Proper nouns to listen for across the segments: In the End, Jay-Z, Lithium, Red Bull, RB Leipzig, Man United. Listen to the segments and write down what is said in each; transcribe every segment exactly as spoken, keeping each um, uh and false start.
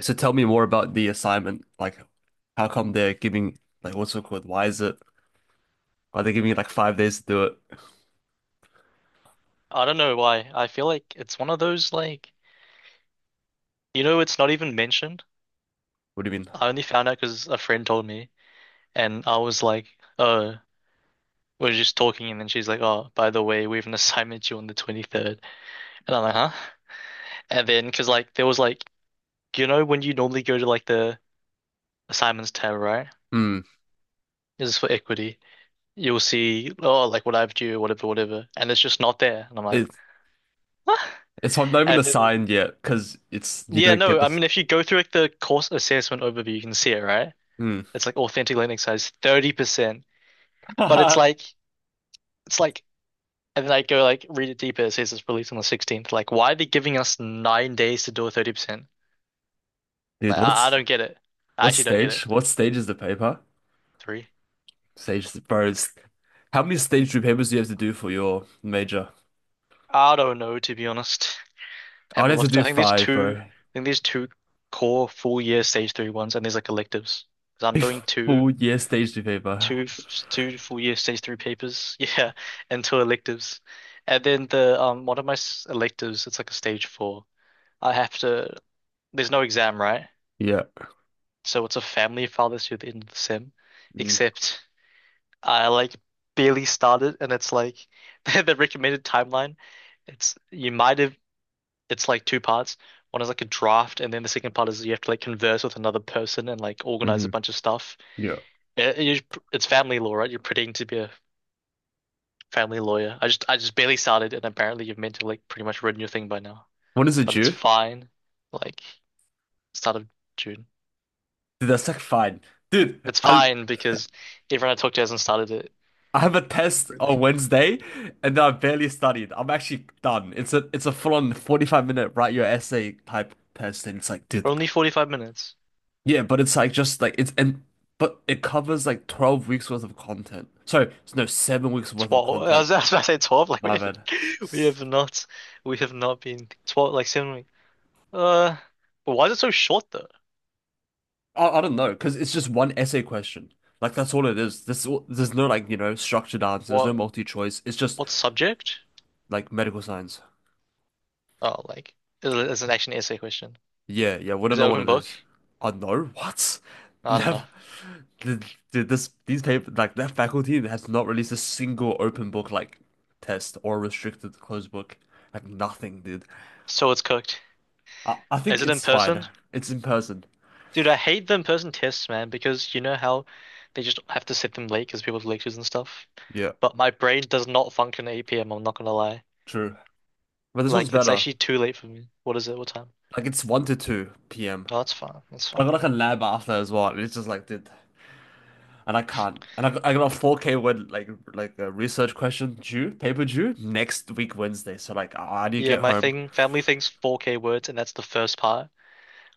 So tell me more about the assignment. Like, how come they're giving, like, what's it called? Why is it, are they giving you like five days to do it? I don't know why. I feel like it's one of those like you know it's not even mentioned. What do you mean? I only found out because a friend told me, and I was like, "Oh, we're just talking," and then she's like, "Oh, by the way, we have an assignment due on the twenty-third," and I'm like, "Huh?" And then because like there was like you know when you normally go to like the assignments tab, right? Hmm. This is for equity. You'll see oh like what I have due, whatever, whatever, and it's just not there, and I'm like, It's, what? it's not even And then, assigned yet because it's, you yeah, don't get no, I this. mean if you go through like the course assessment overview, you can see it, right? Hmm. It's like authentic Linux has thirty percent, but it's like it's like and then I go like read it deeper. It says it's released on the sixteenth. Like, why are they giving us nine days to do a thirty percent? Dude, Like, I, I what's, don't get it. I what actually don't get it. stage? What stage is the paper? Three. Stage, bro. it's- How many stage two papers do you have to do for your major? I don't know, to be honest. I'd Haven't have to looked. I do think there's five, two. bro. I think there's two core full year stage three ones, and there's like electives. Because 'Cause I'm A doing two, full year stage two paper. two, two full year stage three papers. Yeah, and two electives, and then the um one of my electives. It's like a stage four. I have to There's no exam, right? Yeah. So it's a family fathers who in the sim, except I like barely started, and it's like the recommended timeline. It's you might have it's like two parts. One is like a draft, and then the second part is you have to like converse with another person and like organize a Mm-hmm. bunch of stuff. Yeah. It- it- you- it's family law, right? You're pretending to be a family lawyer. I just I just barely started, and apparently you've meant to like pretty much written your thing by now, When is it but it's due? fine. Like start of June. Dude, that's like fine. Dude, It's I fine because everyone I talked to hasn't started it. I have a test Really? on Wednesday and I've barely studied. I'm actually done. It's a it's a full-on forty-five minute write your essay type test and it's like, dude. We're only forty-five minutes. Yeah, but it's like just like it's and but it covers like twelve weeks worth of content. Sorry, no, seven weeks worth of twelve. I content. was, I was about to say twelve. Like we My have, bad. we have not we have not been twelve like seven weeks. Uh but why is it so short though? I, I don't know, because it's just one essay question. Like that's all it is. This There's no like, you know, structured answer. There's no What multi choice. It's just what subject? like medical science. Oh, like is it is it actually an essay question? Yeah, yeah, we don't Is it know what open it book? is. I know what? I don't know. That, th- th- this these paper like that faculty has not released a single open book like test or restricted closed book. Like nothing, dude. So it's cooked. I, I Is think it in it's fine. person? It's in person. Dude, I hate the in-person tests, man, because you know how they just have to set them late because people have lectures and stuff. Yeah. But my brain does not function at eight p m, I'm not gonna lie. True. But this one's Like it's better. actually too late for me. What is it? What time? Like it's one to two p m. Oh, that's fine. That's I fine. got like a lab after as well. And it's just like, dude, and I can't. And I got, I got a four k word like like a research question due, paper due next week Wednesday. So like I I need to Yeah, get my home. thing, family thing's four K words, and that's the first part,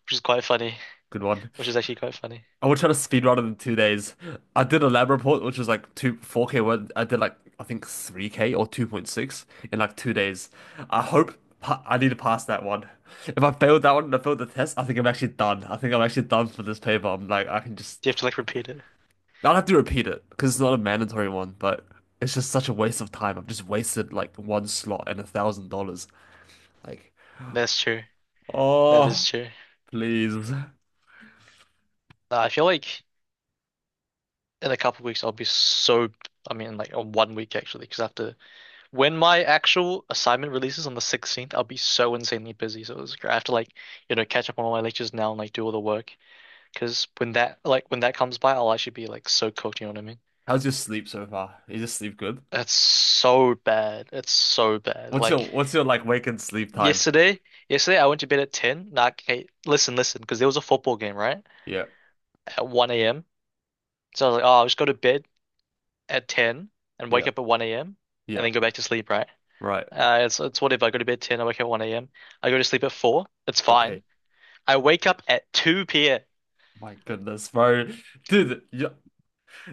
which is quite funny. Good one. Which is actually quite funny. I would try to speed run it in two days. I did a lab report, which was like two, four k one. I did like, I think three k or two point six in like two days. I hope pa I need to pass that one. If I failed that one and I failed the test, I think I'm actually done. I think I'm actually done for this paper. I'm like, I can just, Do you have to like repeat it? I'll have to repeat it because it's not a mandatory one, but it's just such a waste of time. I've just wasted like one slot and a thousand dollars. Like, That's true. That is oh, true. please. Nah, I feel like in a couple of weeks I'll be so. I mean, like on one week actually, because after when my actual assignment releases on the sixteenth, I'll be so insanely busy. So it's, I have to like, you know, catch up on all my lectures now and like do all the work. Because when that like when that comes by, I'll actually be like so cooked. You know what I mean? How's your sleep so far? You just sleep good? That's so bad. It's so bad. What's your, Like what's your like wake and sleep time? yesterday, yesterday I went to bed at ten. Nah, okay, listen, listen, because there was a football game, right? Yeah, At one a m. So I was like, oh, I'll just go to bed at ten and yeah, wake up at one a m and yeah. then go back to sleep, right? Right. Uh, it's, it's whatever. I go to bed at ten, I wake up at one a m. I go to sleep at four. It's Okay. fine. I wake up at two p m. My goodness, bro. Dude, yeah,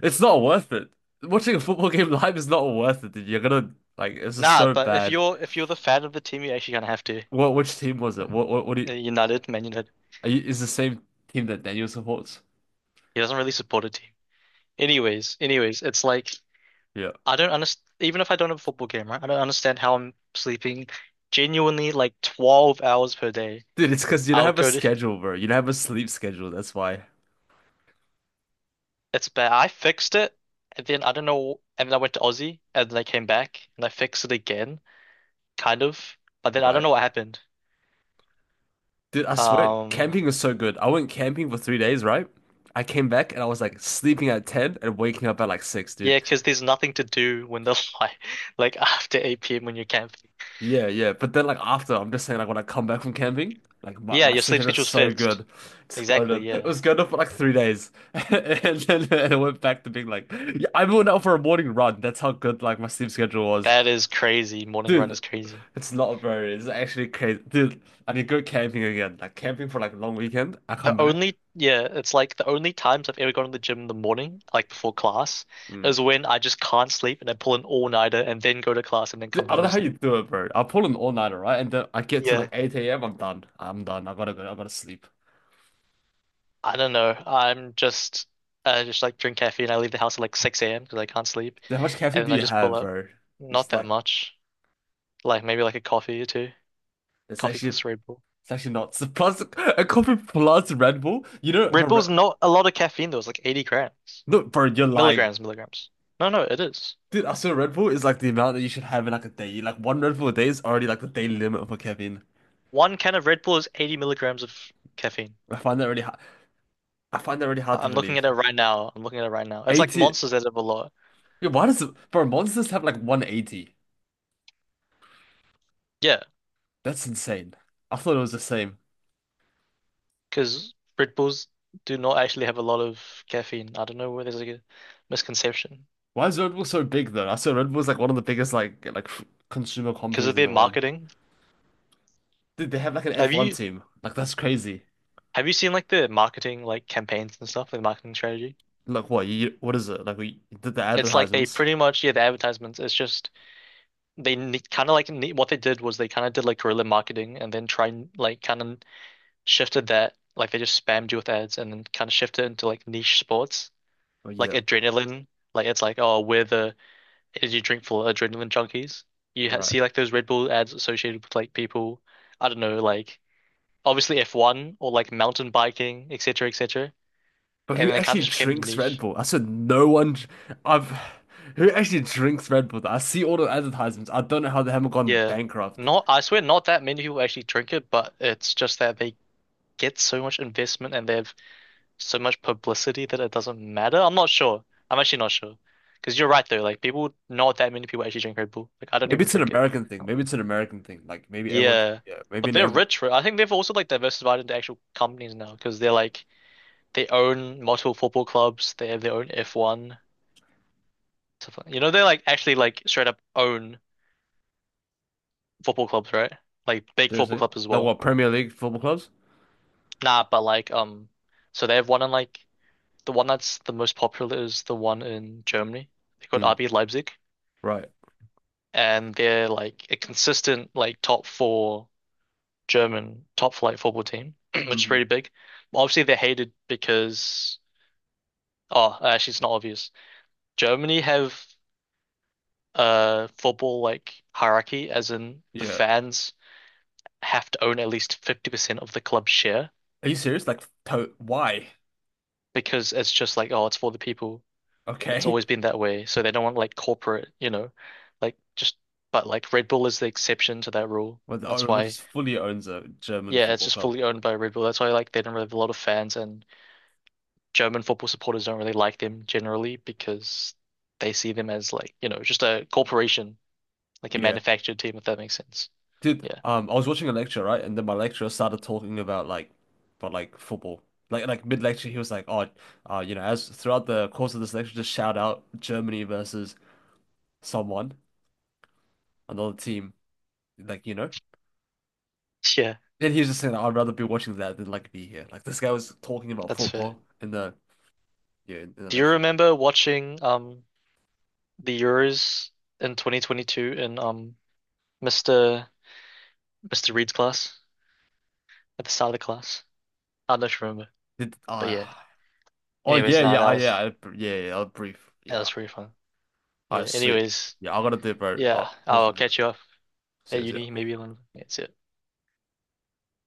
it's not worth it. Watching a football game live is not worth it, dude. You're gonna like it's just Nah, so but if bad. you're if you're the fan of the team, you're actually gonna have to. What which team was it? What what what do you, Uh, United, Man United. are you is the same team that Daniel supports? He doesn't really support a team. Anyways, anyways, it's like Yeah. I don't understand. Even if I don't have a football game, right? I don't understand how I'm sleeping genuinely like twelve hours per day. Dude, it's because you don't I'll have a go to, schedule, bro. You don't have a sleep schedule, that's why. it's bad. I fixed it, and then I don't know. And then I went to Aussie, and then I came back, and I fixed it again, kind of. But then I don't Right. know what happened. Dude, I swear, Um, camping is so good. I went camping for three days, right? I came back and I was like sleeping at ten and waking up at like six, yeah, dude. because there's nothing to do when the light, like after eight p m when you're camping. Yeah, yeah. But then like after, I'm just saying like when I come back from camping, like my, Yeah, my your sleep sleep schedule is schedule's so fixed. good. It's going Exactly. To it Yeah, was going to for like three days. And then it went back to being like yeah, I went out for a morning run. That's how good like my sleep schedule was. that is crazy. Morning run Dude, is crazy. it's not very it's actually crazy. Dude, I need to go camping again. Like camping for like a long weekend. I come The back. only, yeah, it's like the only times I've ever gone to the gym in the morning, like before class, Mm. is when I just can't sleep and I pull an all-nighter and then go to class and then Dude, come I don't home know and how sleep. you do it, bro. I pull an all-nighter, right? And then I get to like Yeah, eight a m. I'm done. I'm done. I gotta go. I gotta sleep. I don't know. I'm just, I just like drink caffeine. I leave the house at like six a m because I can't sleep. Dude, how much And caffeine then do I you just pull have, up. bro? Not It's that like much. Like maybe like a coffee or two. it's Coffee actually plus Red Bull. It's actually not. So plus a coffee plus Red Bull. You know, Red for Bull's Red... not a lot of caffeine though. It's like eighty grams. no, bro, you're lying. Milligrams, milligrams. No, no, it is. Dude, I swear Red Bull is like the amount that you should have in like a day. Like one Red Bull a day is already like the daily limit for caffeine. One can of Red Bull is eighty milligrams of caffeine. I find that really hard. I find that really hard to I'm looking at believe. it right now. I'm looking at it right now. It's like eighty. Monsters that have a lot. Yeah, why does it... bro Monsters have like one eighty? Yeah, That's insane. I thought it was the same. because Red Bulls do not actually have a lot of caffeine. I don't know where there's like a misconception Why is Red Bull so big though? I saw Red Bull is like one of the biggest like like f- consumer because companies of in their the world. marketing. Dude, they have like an Have F one you team. Like that's crazy. have you seen like the marketing like campaigns and stuff, the marketing strategy? Like what? You, what is it? Like we did the It's like they advertisements. pretty much yeah the advertisements. It's just they kind of like ne what they did was they kind of did like guerrilla marketing and then try and like kind of shifted that like they just spammed you with ads and then kind of shifted into like niche sports Oh, like yeah. adrenaline. Like it's like oh we're the Did you drink for adrenaline junkies? You ha Right. See like those Red Bull ads associated with like people, I don't know, like obviously F one or like mountain biking, et cetera, et cetera. But And who then it kind of actually just became the drinks Red niche. Bull? I said no one. I I've Who actually drinks Red Bull? I see all the advertisements. I don't know how they haven't gone Yeah. bankrupt. Not, I swear, not that many people actually drink it, but it's just that they get so much investment and they have so much publicity that it doesn't matter. I'm not sure. I'm actually not sure. Because you're right though, like people, not that many people actually drink Red Bull. Like I don't Maybe even it's an drink it. American thing. Maybe it's an American thing. Like maybe everyone. Drink- Yeah, Yeah. Maybe but in they're everyone. rich, right? I think they've also like diversified into actual companies now because they're like they own multiple football clubs. They have their own F one stuff like- you know, they like actually like straight up own football clubs, right? Like big football Seriously? clubs as Like what? well. Premier League football clubs? Nah, but like um, so they have one in like the one that's the most popular is the one in Germany. They're called Mm. R B Leipzig, Right. and they're like a consistent like top four German top flight football team, which is Hmm. pretty big. Obviously, they're hated because. Oh, uh, actually, it's not obvious. Germany have a football like hierarchy, as in the Yeah. fans have to own at least fifty percent of the club share Are you serious? Like to why? because it's just like, oh, it's for the people. It's Okay. always been that way. So they don't want like corporate, you know, like just, but like Red Bull is the exception to that rule. Well, the That's Oreo why, just fully owns a German yeah, it's football just club. fully owned by Red Bull. That's why like they don't really have a lot of fans and German football supporters don't really like them generally because they see them as like, you know, just a corporation like a Yeah. manufactured team, if that makes sense. Dude, Yeah. um, I was watching a lecture, right? And then my lecturer started talking about like, about like football. Like, like mid lecture, he was like, "Oh, uh, you know, as throughout the course of this lecture, just shout out Germany versus someone, another team, like you know." Yeah, Then he was just saying, "I'd rather be watching that than like be here." Like this guy was talking about that's fair. football in the yeah in, in the Do you lecture. remember watching um the Euros in twenty twenty-two in um Mister Mister Reed's class at the start of the class? I don't know if you remember, Did but yeah. I? Oh Anyways, yeah nah, yeah that I- yeah I, was yeah yeah I'll brief that yeah was pretty fun. I Yeah. see Anyways, yeah I gotta do it, bro. yeah, Oh, talk to I'll you. catch you up See at ya, see uni ya. maybe one. Yeah, see ya.